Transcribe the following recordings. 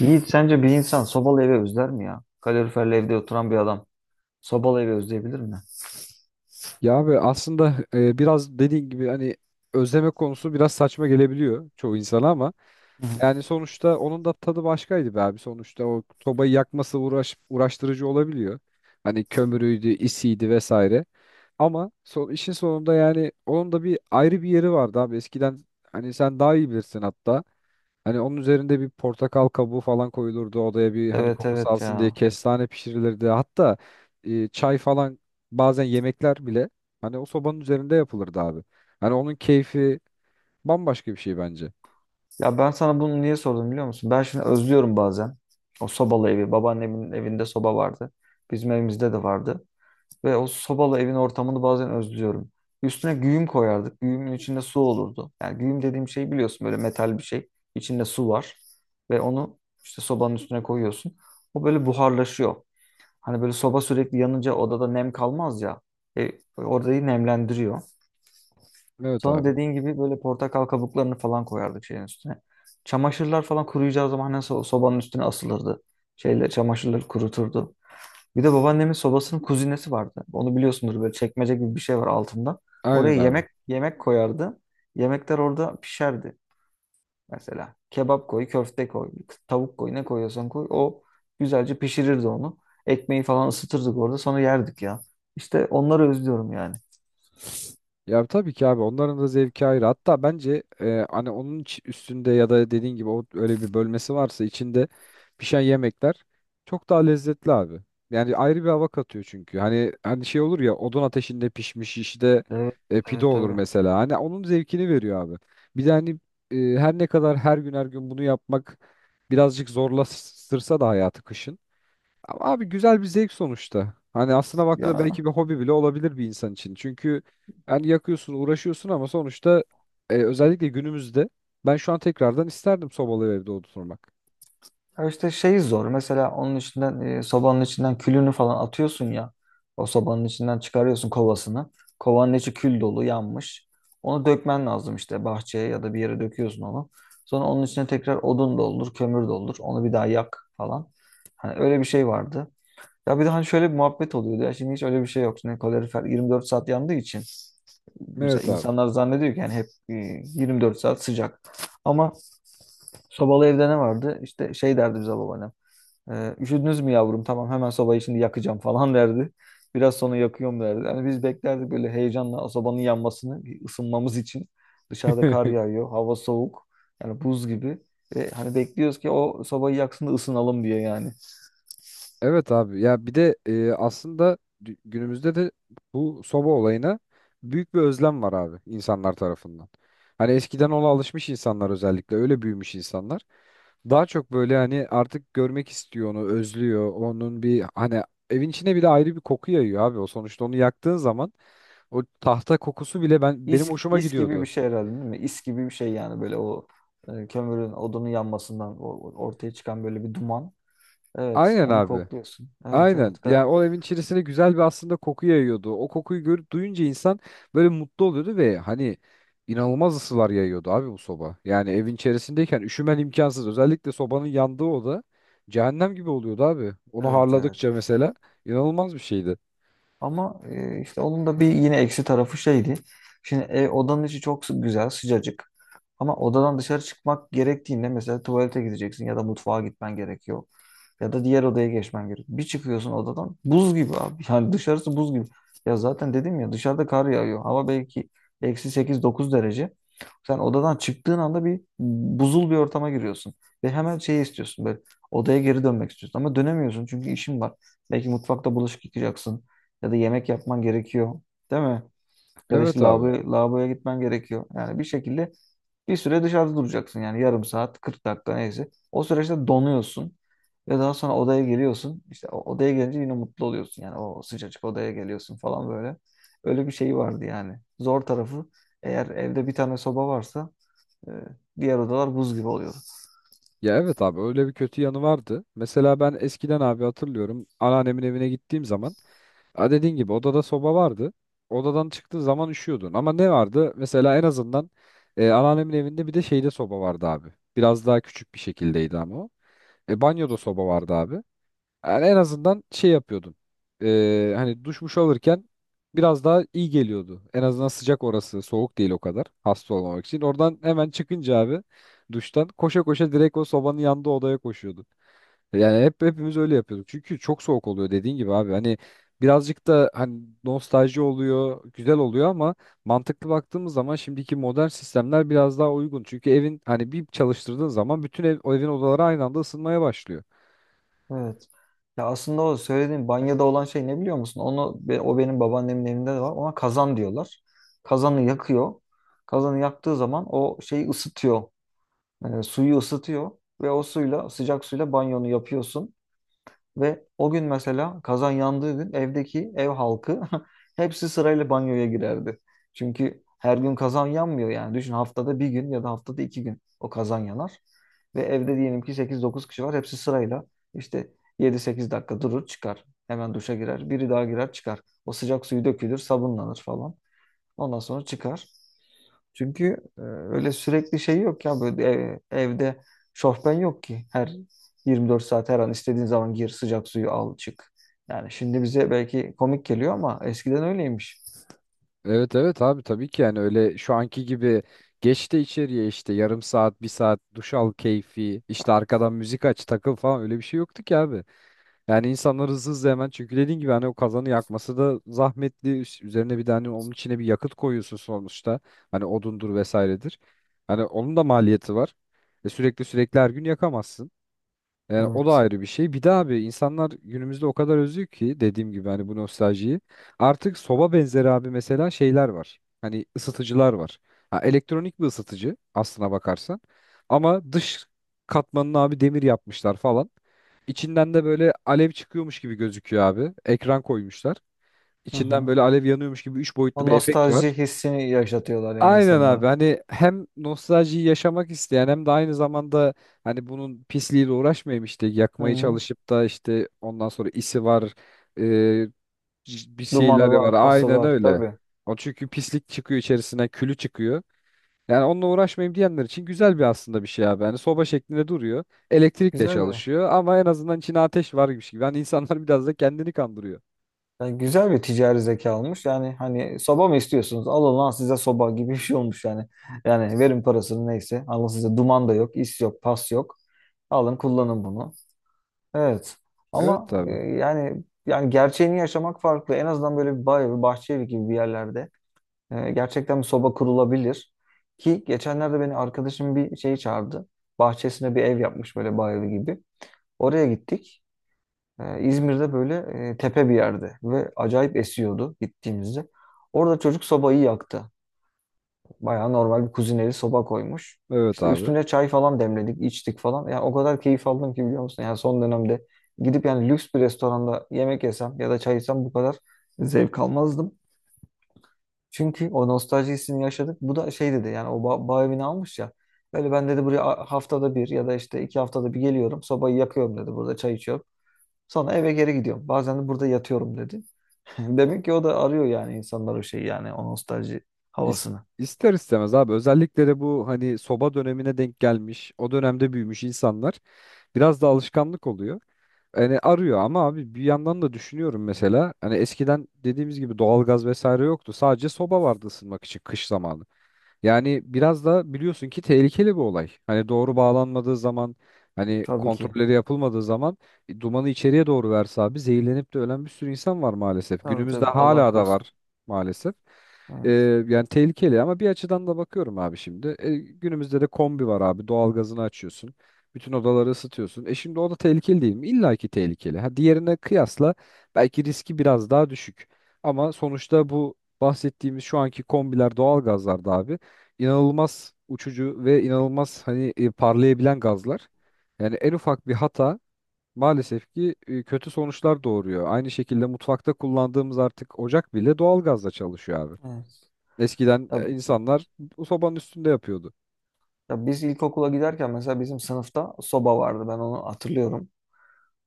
Yiğit sence bir insan sobalı evi özler mi ya? Kaloriferli evde oturan bir adam sobalı evi özleyebilir mi? Ya abi aslında biraz dediğin gibi hani özleme konusu biraz saçma gelebiliyor çoğu insana ama Hı hı. yani sonuçta onun da tadı başkaydı be abi. Sonuçta o sobayı uğraştırıcı olabiliyor. Hani kömürüydü, isiydi vesaire. Ama işin sonunda yani onun da ayrı bir yeri vardı abi. Eskiden hani sen daha iyi bilirsin hatta. Hani onun üzerinde bir portakal kabuğu falan koyulurdu odaya bir hani Evet kokusu evet alsın diye ya. kestane pişirilirdi. Hatta çay falan bazen yemekler bile hani o sobanın üzerinde yapılırdı abi. Hani onun keyfi bambaşka bir şey bence. Ya ben sana bunu niye sordum biliyor musun? Ben şimdi özlüyorum bazen. O sobalı evi. Babaannemin evinde soba vardı. Bizim evimizde de vardı. Ve o sobalı evin ortamını bazen özlüyorum. Üstüne güğüm koyardık. Güğümün içinde su olurdu. Yani güğüm dediğim şey biliyorsun böyle metal bir şey. İçinde su var. Ve onu işte sobanın üstüne koyuyorsun. O böyle buharlaşıyor. Hani böyle soba sürekli yanınca odada nem kalmaz ya. E, Orayı nemlendiriyor. Evet Sonra abi. dediğin gibi böyle portakal kabuklarını falan koyardık şeyin üstüne. Çamaşırlar falan kuruyacağı zaman hani sobanın üstüne asılırdı. Şeyler, çamaşırları kuruturdu. Bir de babaannemin sobasının kuzinesi vardı. Onu biliyorsundur böyle çekmece gibi bir şey var altında. Aynen Oraya abi. yemek koyardı. Yemekler orada pişerdi. Mesela kebap koy, köfte koy, tavuk koy, ne koyuyorsan koy. O güzelce pişirirdi onu. Ekmeği falan ısıtırdık orada sonra yerdik ya. İşte onları özlüyorum yani. Ya tabii ki abi onların da zevki ayrı. Hatta bence hani üstünde ya da dediğin gibi o öyle bir bölmesi varsa içinde pişen yemekler çok daha lezzetli abi. Yani ayrı bir hava katıyor çünkü. Hani şey olur ya odun ateşinde pişmiş işte Evet, pide evet olur tabii. mesela. Hani onun zevkini veriyor abi. Bir de hani her ne kadar her gün her gün bunu yapmak birazcık zorlaştırsa da hayatı kışın. Ama abi güzel bir zevk sonuçta. Hani aslına baktığında Ya, belki bir hobi bile olabilir bir insan için. Çünkü yani yakıyorsun, uğraşıyorsun ama sonuçta özellikle günümüzde ben şu an tekrardan isterdim sobalı evde oturmak. ya işte şey zor. Mesela onun içinden sobanın içinden külünü falan atıyorsun ya. O sobanın içinden çıkarıyorsun kovasını. Kovanın içi kül dolu yanmış. Onu dökmen lazım işte bahçeye ya da bir yere döküyorsun onu. Sonra onun içine tekrar odun doldur, kömür doldur. Onu bir daha yak falan. Hani öyle bir şey vardı. Ya bir de hani şöyle bir muhabbet oluyordu. Ya şimdi hiç öyle bir şey yok. Şimdi kalorifer 24 saat yandığı için mesela Evet abi. insanlar zannediyor ki yani hep 24 saat sıcak. Ama sobalı evde ne vardı? İşte şey derdi bize babaannem. E, üşüdünüz mü yavrum? Tamam hemen sobayı şimdi yakacağım falan derdi. Biraz sonra yakıyorum derdi. Yani biz beklerdik böyle heyecanla sobanın yanmasını, bir ısınmamız için. Dışarıda kar yağıyor, hava soğuk. Yani buz gibi. Ve hani bekliyoruz ki o sobayı yaksın da ısınalım diye yani. Evet abi ya bir de aslında günümüzde de bu soba olayına büyük bir özlem var abi insanlar tarafından. Hani eskiden ona alışmış insanlar özellikle öyle büyümüş insanlar. Daha çok böyle hani artık görmek istiyor onu özlüyor onun bir hani evin içine bile ayrı bir koku yayıyor abi o sonuçta onu yaktığın zaman o tahta kokusu bile benim İS, hoşuma is gibi bir gidiyordu. şey herhalde değil mi? İs gibi bir şey yani böyle o kömürün odunun yanmasından ortaya çıkan böyle bir duman. Evet, Aynen onu abi. kokluyorsun. Evet, Aynen. evet. Yani o evin içerisine güzel bir aslında koku yayıyordu. O kokuyu görüp duyunca insan böyle mutlu oluyordu ve hani inanılmaz ısılar yayıyordu abi bu soba. Yani evin içerisindeyken üşümen imkansız. Özellikle sobanın yandığı oda cehennem gibi oluyordu abi. Onu Evet, evet. harladıkça mesela inanılmaz bir şeydi. Ama işte onun da bir yine eksi tarafı şeydi. Şimdi odanın içi çok güzel, sıcacık. Ama odadan dışarı çıkmak gerektiğinde mesela tuvalete gideceksin ya da mutfağa gitmen gerekiyor. Ya da diğer odaya geçmen gerek. Bir çıkıyorsun odadan buz gibi abi. Yani dışarısı buz gibi. Ya zaten dedim ya dışarıda kar yağıyor. Hava belki eksi sekiz dokuz derece. Sen odadan çıktığın anda bir buzul bir ortama giriyorsun. Ve hemen şey istiyorsun böyle odaya geri dönmek istiyorsun. Ama dönemiyorsun çünkü işin var. Belki mutfakta bulaşık yıkayacaksın. Ya da yemek yapman gerekiyor. Değil mi? Ya da işte Evet abi. lavabo, lavaboya gitmen gerekiyor. Yani bir şekilde bir süre dışarıda duracaksın yani yarım saat, 40 dakika neyse. O süreçte donuyorsun ve daha sonra odaya geliyorsun. İşte o odaya gelince yine mutlu oluyorsun yani o sıcacık odaya geliyorsun falan böyle. Öyle bir şey vardı yani. Zor tarafı eğer evde bir tane soba varsa e, diğer odalar buz gibi oluyor. Ya evet abi öyle bir kötü yanı vardı. Mesela ben eskiden abi hatırlıyorum anneannemin evine gittiğim zaman ha dediğin gibi odada soba vardı. Odadan çıktığın zaman üşüyordun. Ama ne vardı? Mesela en azından anneannemin evinde bir de şeyde soba vardı abi. Biraz daha küçük bir şekildeydi ama o. Banyoda soba vardı abi. Yani en azından şey yapıyordun. Hani duşmuş alırken biraz daha iyi geliyordu. En azından sıcak orası. Soğuk değil o kadar. Hasta olmamak için. Oradan hemen çıkınca abi duştan koşa koşa direkt o sobanın yanında odaya koşuyordu. Yani hepimiz öyle yapıyorduk. Çünkü çok soğuk oluyor dediğin gibi abi. Hani birazcık da hani nostalji oluyor, güzel oluyor ama mantıklı baktığımız zaman şimdiki modern sistemler biraz daha uygun. Çünkü evin hani bir çalıştırdığın zaman bütün ev, o evin odaları aynı anda ısınmaya başlıyor. Evet. Ya aslında o söylediğin banyoda olan şey ne biliyor musun? Onu o benim babaannemin evinde de var. Ona kazan diyorlar. Kazanı yakıyor. Kazanı yaktığı zaman o şeyi ısıtıyor. Suyu ısıtıyor ve o suyla sıcak suyla banyonu yapıyorsun ve o gün mesela kazan yandığı gün evdeki ev halkı hepsi sırayla banyoya girerdi. Çünkü her gün kazan yanmıyor yani. Düşün haftada bir gün ya da haftada iki gün o kazan yanar. Ve evde diyelim ki sekiz dokuz kişi var. Hepsi sırayla işte yedi sekiz dakika durur çıkar. Hemen duşa girer. Biri daha girer çıkar. O sıcak suyu dökülür, sabunlanır falan. Ondan sonra çıkar. Çünkü öyle sürekli şey yok ya böyle evde şofben yok ki. Her 24 saat her an istediğin zaman gir sıcak suyu al çık. Yani şimdi bize belki komik geliyor ama eskiden öyleymiş. Evet, evet, abi tabii ki yani öyle şu anki gibi geç de içeriye işte yarım saat, bir saat duş al keyfi, işte arkadan müzik aç takıl falan öyle bir şey yoktu ki abi. Yani insanlar hızlı hızlı hemen çünkü dediğin gibi hani o kazanı yakması da zahmetli. Üzerine bir tane onun içine bir yakıt koyuyorsun sonuçta. Hani odundur vesairedir. Hani onun da maliyeti var. E sürekli sürekli her gün yakamazsın. Yani o da Evet. ayrı bir şey. Bir de abi insanlar günümüzde o kadar özlüyor ki dediğim gibi hani bu nostaljiyi. Artık soba benzeri abi mesela şeyler var. Hani ısıtıcılar var. Ha, elektronik bir ısıtıcı aslına bakarsan. Ama dış katmanını abi demir yapmışlar falan. İçinden de böyle alev çıkıyormuş gibi gözüküyor abi. Ekran koymuşlar. Hı İçinden hı. böyle alev yanıyormuş gibi 3 O boyutlu bir efekt nostalji var. hissini yaşatıyorlar yani Aynen abi insanlara. hani hem nostaljiyi yaşamak isteyen hem de aynı zamanda hani bunun pisliğiyle uğraşmayayım işte Hı yakmayı hı. çalışıp da işte ondan sonra isi var e, bir şeyler Dumanı var var, pası aynen var öyle. tabii. O çünkü pislik çıkıyor içerisinden külü çıkıyor. Yani onunla uğraşmayayım diyenler için güzel bir aslında bir şey abi. Hani soba şeklinde duruyor. Elektrikle Güzel bir çalışıyor ama en azından içine ateş varmış gibi. Hani insanlar biraz da kendini kandırıyor. yani güzel bir ticari zeka olmuş. Yani hani soba mı istiyorsunuz? Alın lan size soba gibi bir şey olmuş yani. Yani verin parasını neyse. Alın size duman da yok, is yok, pas yok. Alın kullanın bunu. Evet. Ama Evet abi. yani yani gerçeğini yaşamak farklı. En azından böyle bir bay, bir bahçe evi gibi bir yerlerde gerçekten bir soba kurulabilir. Ki geçenlerde beni arkadaşım bir şey çağırdı. Bahçesine bir ev yapmış böyle bay evi gibi. Oraya gittik. İzmir'de böyle tepe bir yerde ve acayip esiyordu gittiğimizde. Orada çocuk sobayı yaktı. Bayağı normal bir kuzineli soba koymuş. Evet İşte abi. üstüne çay falan demledik, içtik falan. Ya o kadar keyif aldım ki biliyor musun? Yani son dönemde gidip yani lüks bir restoranda yemek yesem ya da çay içsem bu kadar zevk almazdım. Çünkü o nostalji hissini yaşadık. Bu da şey dedi yani o bağ evini almış ya. Öyle ben dedi buraya haftada bir ya da işte iki haftada bir geliyorum. Sobayı yakıyorum dedi. Burada çay içiyorum. Sonra eve geri gidiyorum. Bazen de burada yatıyorum dedi. Demek ki o da arıyor yani insanlar o şeyi yani o nostalji İs- havasını. ister istemez abi özellikle de bu hani soba dönemine denk gelmiş o dönemde büyümüş insanlar biraz da alışkanlık oluyor. Hani arıyor ama abi bir yandan da düşünüyorum mesela hani eskiden dediğimiz gibi doğalgaz vesaire yoktu sadece soba vardı ısınmak için kış zamanı. Yani biraz da biliyorsun ki tehlikeli bir olay. Hani doğru bağlanmadığı zaman, hani Tabii ki. kontrolleri yapılmadığı zaman dumanı içeriye doğru verse abi zehirlenip de ölen bir sürü insan var maalesef. Tabii Günümüzde tabii. Allah hala da korusun. var maalesef. E, Evet. Yani tehlikeli ama bir açıdan da bakıyorum abi şimdi. Günümüzde de kombi var abi. Doğalgazını açıyorsun. Bütün odaları ısıtıyorsun. E şimdi o da tehlikeli değil mi? İlla ki tehlikeli. Ha, diğerine kıyasla belki riski biraz daha düşük. Ama sonuçta bu bahsettiğimiz şu anki kombiler, doğalgazlar da abi inanılmaz uçucu ve inanılmaz hani parlayabilen gazlar. Yani en ufak bir hata maalesef ki kötü sonuçlar doğuruyor. Aynı şekilde mutfakta kullandığımız artık ocak bile doğalgazla çalışıyor abi. Evet. Eskiden Ya, insanlar bu sobanın üstünde yapıyordu. ya biz ilkokula giderken mesela bizim sınıfta soba vardı. Ben onu hatırlıyorum.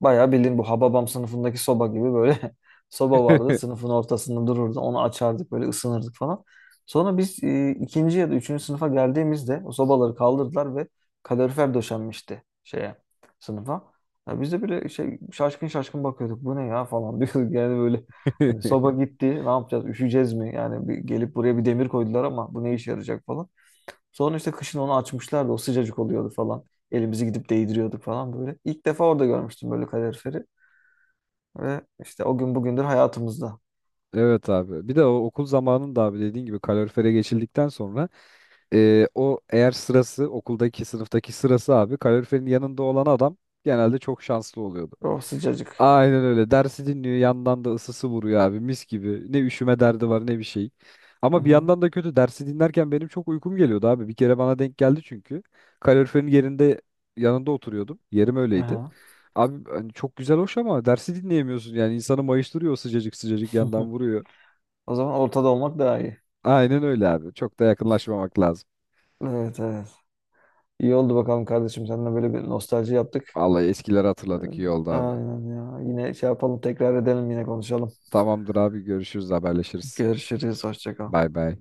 Bayağı bildiğin bu Hababam sınıfındaki soba gibi böyle soba vardı. Sınıfın ortasında dururdu. Onu açardık böyle ısınırdık falan. Sonra biz ikinci ya da üçüncü sınıfa geldiğimizde o sobaları kaldırdılar ve kalorifer döşenmişti şeye sınıfa. Ya biz de böyle şey şaşkın şaşkın bakıyorduk. Bu ne ya falan diyorduk. Yani böyle hani soba gitti ne yapacağız üşüyeceğiz mi? Yani bir, gelip buraya bir demir koydular ama bu ne işe yarayacak falan. Sonra işte kışın onu açmışlardı. O sıcacık oluyordu falan. Elimizi gidip değdiriyorduk falan böyle. İlk defa orada görmüştüm böyle kaloriferi. Ve işte o gün bugündür hayatımızda. Evet abi. Bir de o okul zamanında abi dediğin gibi kalorifere geçildikten sonra o eğer sırası okuldaki sınıftaki sırası abi kaloriferin yanında olan adam genelde çok şanslı oluyordu. O sıcacık. Aynen öyle. Dersi dinliyor. Yandan da ısısı vuruyor abi. Mis gibi. Ne üşüme derdi var ne bir şey. Hı Ama bir hı. yandan da kötü. Dersi dinlerken benim çok uykum geliyordu abi. Bir kere bana denk geldi çünkü. Kaloriferin yerinde yanında oturuyordum. Yerim öyleydi. Aha. Abi hani çok güzel hoş ama dersi dinleyemiyorsun. Yani insanı mayıştırıyor o sıcacık yandan vuruyor. O zaman ortada olmak daha iyi. Aynen öyle abi. Çok da yakınlaşmamak lazım. Evet evet. İyi oldu bakalım kardeşim. Seninle böyle bir nostalji yaptık. Vallahi eskileri Evet. hatırladık iyi oldu abi. Aynen ya. Yine şey yapalım tekrar edelim yine konuşalım. Tamamdır abi görüşürüz haberleşiriz. Görüşürüz. Hoşça kal. Bay bay.